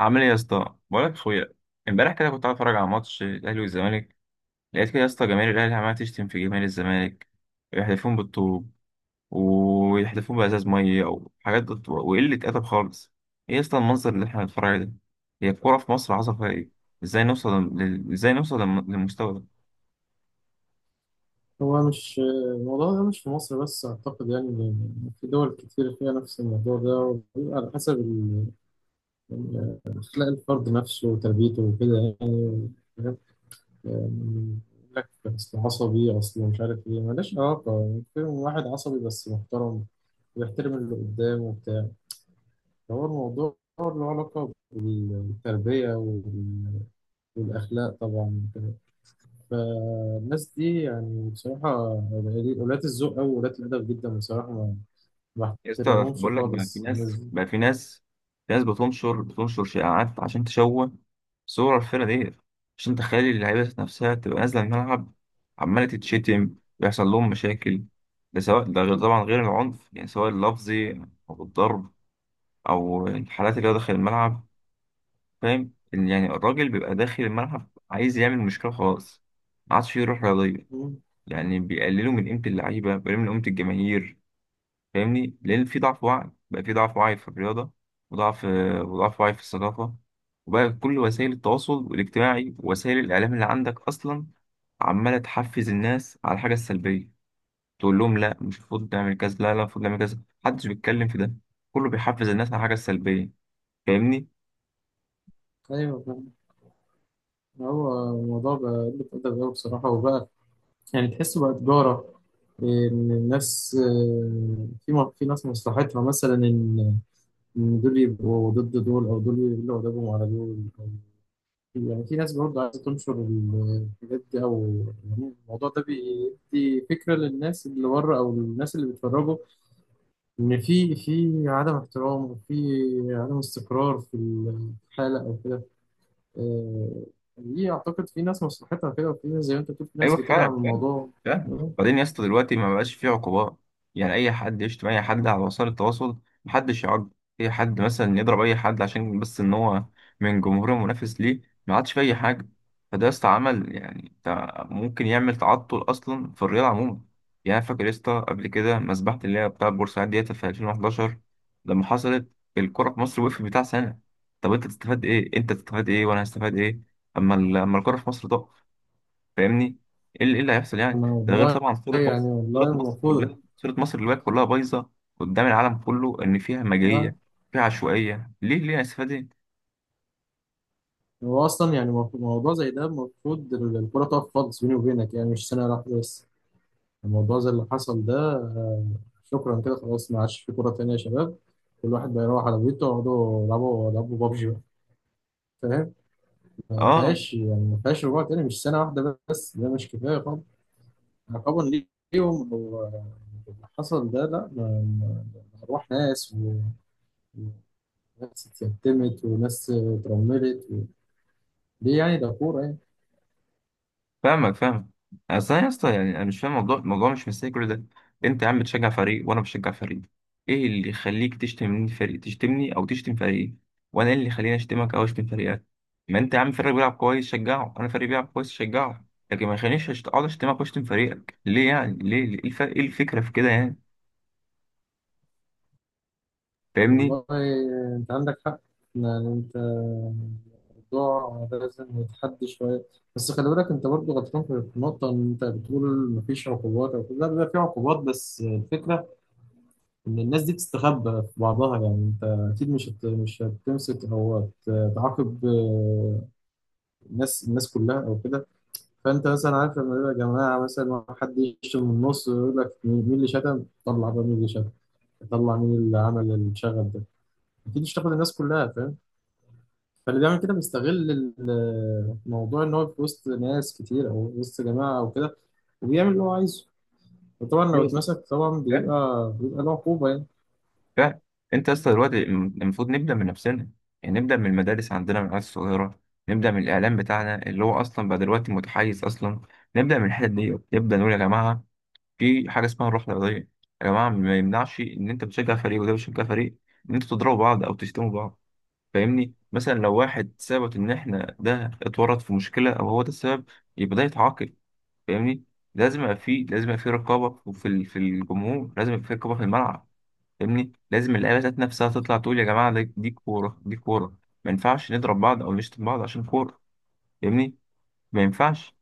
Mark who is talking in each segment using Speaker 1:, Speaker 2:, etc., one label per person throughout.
Speaker 1: عامل ايه يا اسطى؟ بقولك يا اخويا، امبارح كده كنت قاعد اتفرج على ماتش الاهلي والزمالك. لقيت كده يا اسطى جماهير الاهلي عماله تشتم في جماهير الزمالك، ويحلفون بالطوب، ويحلفون بازاز ميه او حاجات وقله ادب خالص. ايه يا اسطى المنظر اللي احنا بنتفرج عليه ده؟ هي الكوره في مصر حصل فيها ايه؟ ازاي نوصل للمستوى ده؟
Speaker 2: هو مش الموضوع ده مش في مصر بس، أعتقد يعني إن في دول كتير فيها نفس الموضوع ده، وبيبقى على حسب أخلاق الفرد نفسه وتربيته وكده يعني حاجات. يعني يقول لك أصل عصبي، أصل مش عارف إيه، ملهاش علاقة يعني، في واحد عصبي بس محترم ويحترم اللي قدامه وبتاع. فهو الموضوع له علاقة بالتربية والأخلاق طبعا. فالناس دي يعني بصراحة ولاة الذوق أوي، ولاة الأدب جدا، بصراحة ما
Speaker 1: يا اسطى
Speaker 2: بحترمهمش
Speaker 1: بقول لك بقى، في
Speaker 2: خالص الناس
Speaker 1: ناس
Speaker 2: دي.
Speaker 1: بقى في ناس في ناس بتنشر شائعات عشان تشوه صور الفرقة دي، عشان تخلي اللعيبة نفسها تبقى نازلة الملعب عمالة تتشتم، ويحصل لهم مشاكل. ده سواء، ده غير طبعا غير العنف، يعني سواء اللفظي أو الضرب أو الحالات اللي هو داخل الملعب. فاهم؟ يعني الراجل بيبقى داخل الملعب عايز يعمل مشكلة خلاص، ما عادش فيه روح رياضية.
Speaker 2: مم.
Speaker 1: يعني بيقللوا من قيمة اللعيبة، بيقللوا من قيمة الجماهير. فاهمني؟ لان في ضعف وعي، بقى في ضعف وعي في الرياضه، وضعف وضعف وعي في الثقافه. وبقى كل وسائل التواصل الاجتماعي ووسائل الاعلام اللي عندك اصلا عماله تحفز الناس على الحاجه السلبيه. تقول لهم لا، مش المفروض نعمل كذا، لا لا، المفروض نعمل كذا. محدش بيتكلم في ده، كله بيحفز الناس على الحاجه السلبيه. فاهمني؟
Speaker 2: أيوة فاهم. هو الموضوع بقى قلة أدب أوي بصراحة، وبقى يعني تحسه بقى تجارة. إن الناس، في ناس مصلحتها مثلا إن دول يبقوا ضد دول، أو دول يقولوا أدبهم على دول. أو- يعني في ناس برضه عايزة تنشر الحاجات دي، أو يعني الموضوع ده بيدي فكرة للناس اللي بره أو للناس اللي بيتفرجوا ان في عدم احترام، وفي عدم استقرار في الحاله او كده. آه، دي اعتقد في ناس مصلحتها كده، وفي ناس زي ما انت بتقول في
Speaker 1: ايوه،
Speaker 2: ناس بتدعم
Speaker 1: فعلا، فعلا،
Speaker 2: الموضوع.
Speaker 1: فعلا.
Speaker 2: آه.
Speaker 1: بعدين يا اسطى دلوقتي ما بقاش فيه عقوبات. يعني اي حد يشتم اي حد على وسائل التواصل، محدش يعاقب. اي حد مثلا يضرب اي حد عشان بس ان هو من جمهور منافس ليه، ما عادش فيه اي حاجه. فده يا اسطى عمل، يعني ممكن يعمل تعطل اصلا في الرياضه عموما. يعني أنا فاكر يا اسطى قبل كده مسبحه اللي هي بتاع بورسعيد ديت في 2011 لما حصلت، الكره في مصر وقفت بتاع سنه. طب انت تستفاد ايه؟ وانا هستفاد ايه اما الكره في مصر تقف؟ فاهمني؟ ايه اللي إيه اللي هيحصل يعني؟
Speaker 2: انا
Speaker 1: ده غير
Speaker 2: والله.
Speaker 1: طبعا،
Speaker 2: يعني والله المفروض.
Speaker 1: صورة مصر دلوقتي كلها بايظة قدام العالم كله، ان فيها
Speaker 2: آه.
Speaker 1: همجية، فيها عشوائية. ليه؟ ليه هنستفاد ايه؟
Speaker 2: هو اصلا يعني موضوع زي ده المفروض الكره تقف خالص، بيني وبينك يعني مش سنه واحده بس. الموضوع زي اللي حصل ده، شكرا كده خلاص، ما عادش في كره تانيه يا شباب. كل واحد بقى يروح على بيته يقعدوا يلعبوا بابجي بقى، فاهم. ما
Speaker 1: اه،
Speaker 2: فيهاش، يعني ما فيهاش رجوع تاني، مش سنة واحدة بس ده مش كفاية طبعا عقابا ليهم. هو اللي حصل ده لا، أرواح ناس وناس اتيتمت وناس اترملت ليه يعني؟ ده كورة يعني.
Speaker 1: فاهمك، فاهمك. اصل انا يا اسطى، يعني انا مش فاهم الموضوع مش مستاهل كل ده. انت يا عم بتشجع فريق وانا بشجع فريق، ايه اللي يخليك تشتم فريق، تشتمني او تشتم فريقي؟ وانا إيه اللي يخليني اشتمك او اشتم فريقك؟ ما انت يا عم فريق بيلعب كويس شجعه، انا فريق بيلعب كويس شجعه. لكن ما يخلينيش اقعد اشتمك واشتم فريقك، ليه يعني؟ ليه؟ إيه الفكره في كده يعني؟ فاهمني؟
Speaker 2: والله أنت عندك حق. يعني أنت الموضوع لازم يتحدى شوية. بس خلي بالك، أنت برضه غلطان في النقطة إن أنت بتقول مفيش عقوبات أو كده، لا، بيبقى في عقوبات، بس الفكرة ان الناس دي تستخبى في بعضها، يعني انت اكيد مش هتمسك او تعاقب الناس كلها او كده. فانت مثلا عارف، لما يبقى جماعه مثلا حد يشتم من النص ويقول لك مين اللي شتم، طلع بقى مين اللي شتم، طلع مين اللي عمل الشغب ده. اكيد مش تاخد الناس كلها، فاهم. فاللي بيعمل كده بيستغل الموضوع ان هو في وسط ناس كتير او وسط جماعه او كده، وبيعمل اللي هو عايزه. وطبعا لو
Speaker 1: ايوه صح،
Speaker 2: اتمسك طبعا بيبقى له عقوبه.
Speaker 1: فعلا. انت يا اسطى دلوقتي المفروض نبدا من نفسنا، يعني نبدا من المدارس عندنا، من العيال الصغيره. نبدا من الاعلام بتاعنا اللي هو اصلا بقى دلوقتي متحيز اصلا. نبدا من الحته دي، نبدا نقول يا جماعه في حاجه اسمها الروح الرياضيه. يا جماعه ما يمنعش ان انت بتشجع فريق وده بيشجع فريق ان انتوا تضربوا بعض او تشتموا بعض. فاهمني؟ مثلا لو واحد ثبت ان احنا ده اتورط في مشكله او هو ده السبب، يبقى ده يتعاقب. فاهمني؟ لازم يبقى في رقابه، في الجمهور لازم يبقى في رقابه في الملعب. فاهمني؟ لازم اللعيبه ذات نفسها تطلع تقول يا جماعه، دي كوره، دي كوره، ما ينفعش نضرب بعض او نشتم بعض عشان كوره. فاهمني؟ ما ينفعش.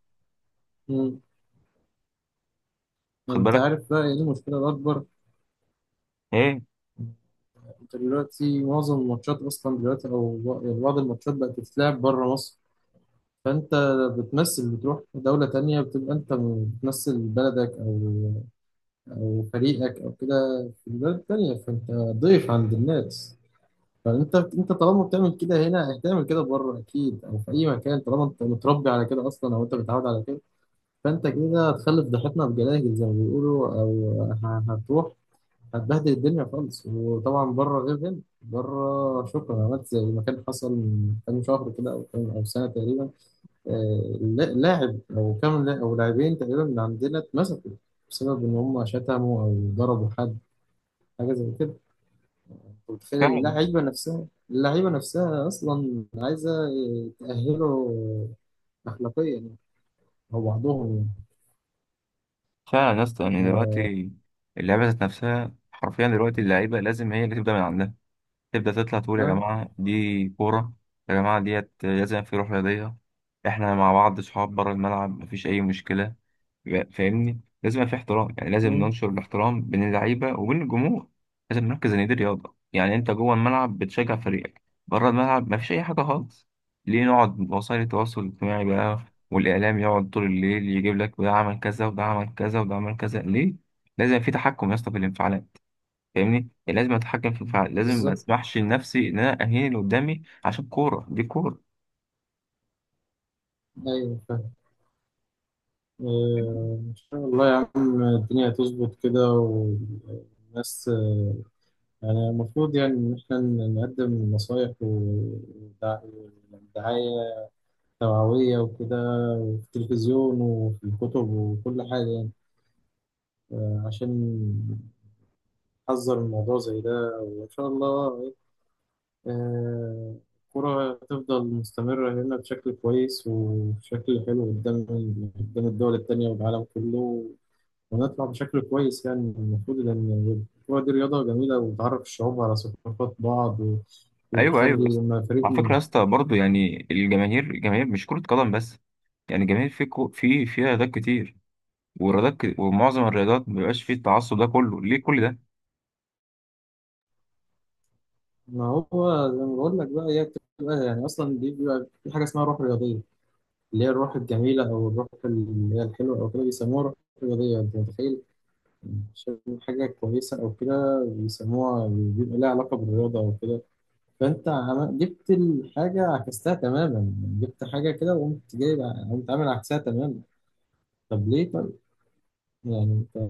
Speaker 2: يعني
Speaker 1: خد
Speaker 2: انت
Speaker 1: بالك.
Speaker 2: عارف بقى ايه المشكله الاكبر؟
Speaker 1: ايه؟
Speaker 2: انت دلوقتي معظم الماتشات اصلا دلوقتي، او يعني بعض الماتشات بقت بتتلعب بره مصر، فانت بتمثل، بتروح دوله تانية، بتبقى انت بتمثل بلدك او فريقك او كده في بلد تانية، فانت ضيف عند الناس. فانت طالما بتعمل كده هنا هتعمل كده بره اكيد او في اي مكان، طالما انت متربي على كده اصلا او انت متعود على كده. فانت كده هتخلف ضحيتنا بجلاجل زي ما بيقولوا هتروح هتبهدل الدنيا خالص. وطبعا بره غير هنا، بره شكرا. عملت زي ما كان حصل من كام شهر كده او كام او سنه تقريبا لاعب او كام او لاعبين تقريبا من عندنا اتمسكوا بسبب ان هم شتموا او ضربوا حد، حاجه زي كده. أنت متخيل،
Speaker 1: فعلا،
Speaker 2: اللعيبه نفسها اصلا عايزه تاهله اخلاقيا يعني، او بعضهم يعني.
Speaker 1: فعلا يا اسطى. يعني دلوقتي اللعيبه ذات نفسها حرفيا دلوقتي، اللعيبه لازم هي اللي تبدا من عندها، تبدا تطلع تقول يا
Speaker 2: ها.
Speaker 1: جماعه دي كوره، يا جماعه ديت لازم في روح رياضيه. احنا مع بعض صحاب، بره الملعب مفيش اي مشكله. فاهمني؟ لازم يبقى في احترام، يعني لازم
Speaker 2: مم.
Speaker 1: ننشر الاحترام بين اللعيبه وبين الجمهور. لازم نركز ان دي رياضه، يعني انت جوه الملعب بتشجع فريقك، بره الملعب مفيش اي حاجه خالص. ليه نقعد وسائل التواصل الاجتماعي بقى والاعلام يقعد طول الليل يجيب لك ده عمل كذا، وده عمل كذا، وده عمل كذا، ليه؟ لازم في تحكم يا اسطى في الانفعالات. فاهمني؟ يعني لازم اتحكم في الانفعالات، لازم ما
Speaker 2: بالظبط.
Speaker 1: اسمحش لنفسي ان انا اهين اللي قدامي عشان كوره، دي كوره.
Speaker 2: ايوه. آه. إن شاء الله يا عم، الدنيا هتظبط كده والناس. آه، يعني المفروض يعني إن إحنا نقدم نصايح ودعاية توعوية وكده، وفي التلفزيون وفي الكتب وكل حاجة يعني، عشان نحذر من موضوع زي ده. وإن شاء الله آه، الكرة هتفضل مستمرة هنا بشكل كويس وبشكل حلو قدام الدول التانية والعالم كله، ونطلع بشكل كويس يعني المفروض، لأن الكورة دي رياضة جميلة وبتعرف الشعوب على ثقافات بعض،
Speaker 1: ايوه، ايوه،
Speaker 2: وبتخلي
Speaker 1: بس
Speaker 2: لما فريق
Speaker 1: على فكره يا اسطى برضه، يعني الجماهير مش كره قدم بس، يعني الجماهير في كو في فيها رياضات كتير. ومعظم الرياضات ما بيبقاش فيه التعصب ده كله، ليه كل ده؟
Speaker 2: ما هو زي ما بقول لك بقى، هي بتبقى يعني أصلا دي بيبقى في حاجة اسمها روح رياضية، اللي هي الروح الجميلة أو الروح اللي هي الحلوة أو كده بيسموها روح رياضية، أنت متخيل. عشان حاجة كويسة أو كده بيسموها، بيبقى لها علاقة بالرياضة أو كده. فأنت جبت الحاجة عكستها تماما، جبت حاجة كده وقمت جايب، قمت عامل عكسها تماما. طب ليه؟ طيب يعني انت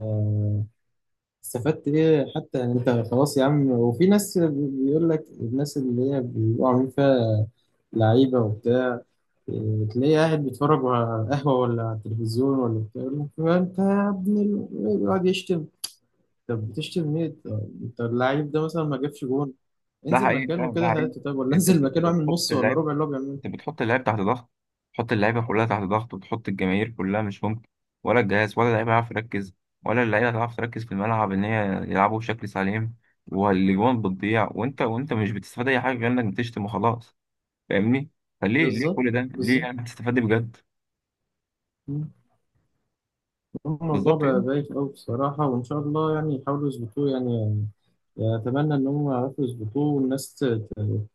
Speaker 2: استفدت ايه حتى؟ يعني انت خلاص يا عم. وفي ناس بيقول لك الناس اللي هي بيبقوا عاملين فيها لعيبه وبتاع، تلاقيه قاعد بيتفرج على قهوه ولا على التلفزيون ولا بتاع يقول لك "ما انت يا ابن ال-"، يقعد يشتم. طب بتشتم ليه؟ طب انت اللعيب ده مثلا ما جابش جون،
Speaker 1: ده
Speaker 2: انزل
Speaker 1: حقيقي
Speaker 2: مكانه
Speaker 1: فعلا، ده
Speaker 2: كده
Speaker 1: حقيقي.
Speaker 2: هاته، طب ولا
Speaker 1: انت
Speaker 2: انزل
Speaker 1: بت- انت
Speaker 2: مكانه اعمل
Speaker 1: بتحط
Speaker 2: نص ولا
Speaker 1: اللعيب
Speaker 2: ربع اللي هو بيعمله.
Speaker 1: انت بتحط اللعيب تحت ضغط، بتحط اللعيبه كلها تحت ضغط، وبتحط الجماهير كلها. مش ممكن ولا الجهاز ولا اللعيبه هيعرف يركز، ولا اللعيبه هتعرف تركز في الملعب ان هي يلعبوا بشكل سليم، والاجوان بتضيع. وانت مش بتستفاد اي حاجه غير انك بتشتم وخلاص. فاهمني؟ فليه
Speaker 2: بالظبط.
Speaker 1: كل ده؟ ليه
Speaker 2: بالظبط
Speaker 1: يعني؟ هتستفاد إيه بجد؟
Speaker 2: الموضوع
Speaker 1: بالظبط كده.
Speaker 2: بقى بايخ أوي بصراحة، وإن شاء الله يعني يحاولوا يظبطوه يعني. يعني أتمنى إن هم يعرفوا يظبطوه والناس ت-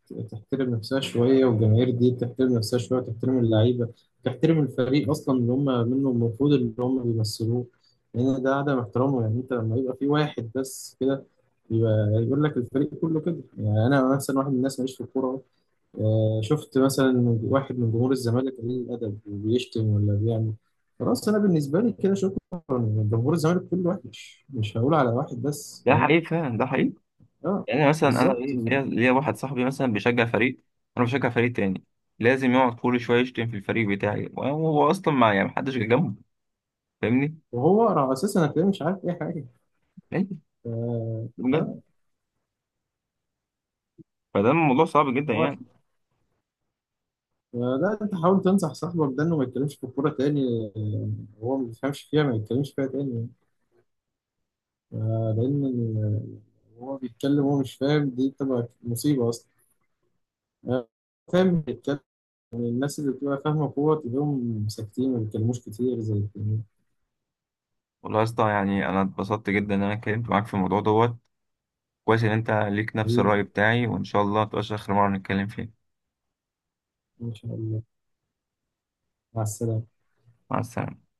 Speaker 2: ت- تحترم نفسها شوية، والجماهير دي تحترم نفسها شوية، تحترم اللعيبة، تحترم الفريق أصلا اللي هم منه المفروض، اللي هم بيمثلوه. لأن ده عدم احترامه يعني. أنت لما يبقى في واحد بس كده، يبقى يقول لك الفريق كله كده. يعني أنا مثلا واحد من الناس ماليش في الكورة، شفت مثلا واحد من جمهور الزمالك قليل الادب وبيشتم ولا بيعمل، خلاص انا بالنسبه لي كده شكرا، جمهور الزمالك كله وحش مش هقول على واحد بس،
Speaker 1: ده
Speaker 2: فاهم.
Speaker 1: حقيقي فعلا، ده حقيقي.
Speaker 2: اه.
Speaker 1: يعني مثلا انا
Speaker 2: بالظبط
Speaker 1: ليا واحد صاحبي مثلا بيشجع فريق، انا بشجع فريق تاني، لازم يقعد كل شويه يشتم في الفريق بتاعي، وهو اصلا ما يعني محدش جه جنبه. فاهمني؟
Speaker 2: وهو اساسا هتلاقيه مش عارف اي حاجه.
Speaker 1: ليه؟
Speaker 2: اه.
Speaker 1: بجد؟
Speaker 2: آه.
Speaker 1: فده الموضوع صعب جدا
Speaker 2: هو-
Speaker 1: يعني.
Speaker 2: لا انت حاول تنصح صاحبك ده انه ما يتكلمش في الكوره تاني وهو ما بيفهمش فيها ما يتكلمش فيها تاني، لان هو بيتكلم وهو مش فاهم، دي تبقى مصيبه اصلا آه، فاهم. الناس اللي بتبقى فاهمة كورة تلاقيهم ساكتين ما بيتكلموش كتير زي التانيين.
Speaker 1: والله يا اسطى، يعني انا اتبسطت جدا ان انا اتكلمت معاك في الموضوع دوت. كويس ان انت ليك نفس
Speaker 2: حبيبي.
Speaker 1: الرأي بتاعي، وان شاء الله متبقاش اخر مره نتكلم فيه.
Speaker 2: إن شاء الله. مع السلامة.
Speaker 1: مع السلامه.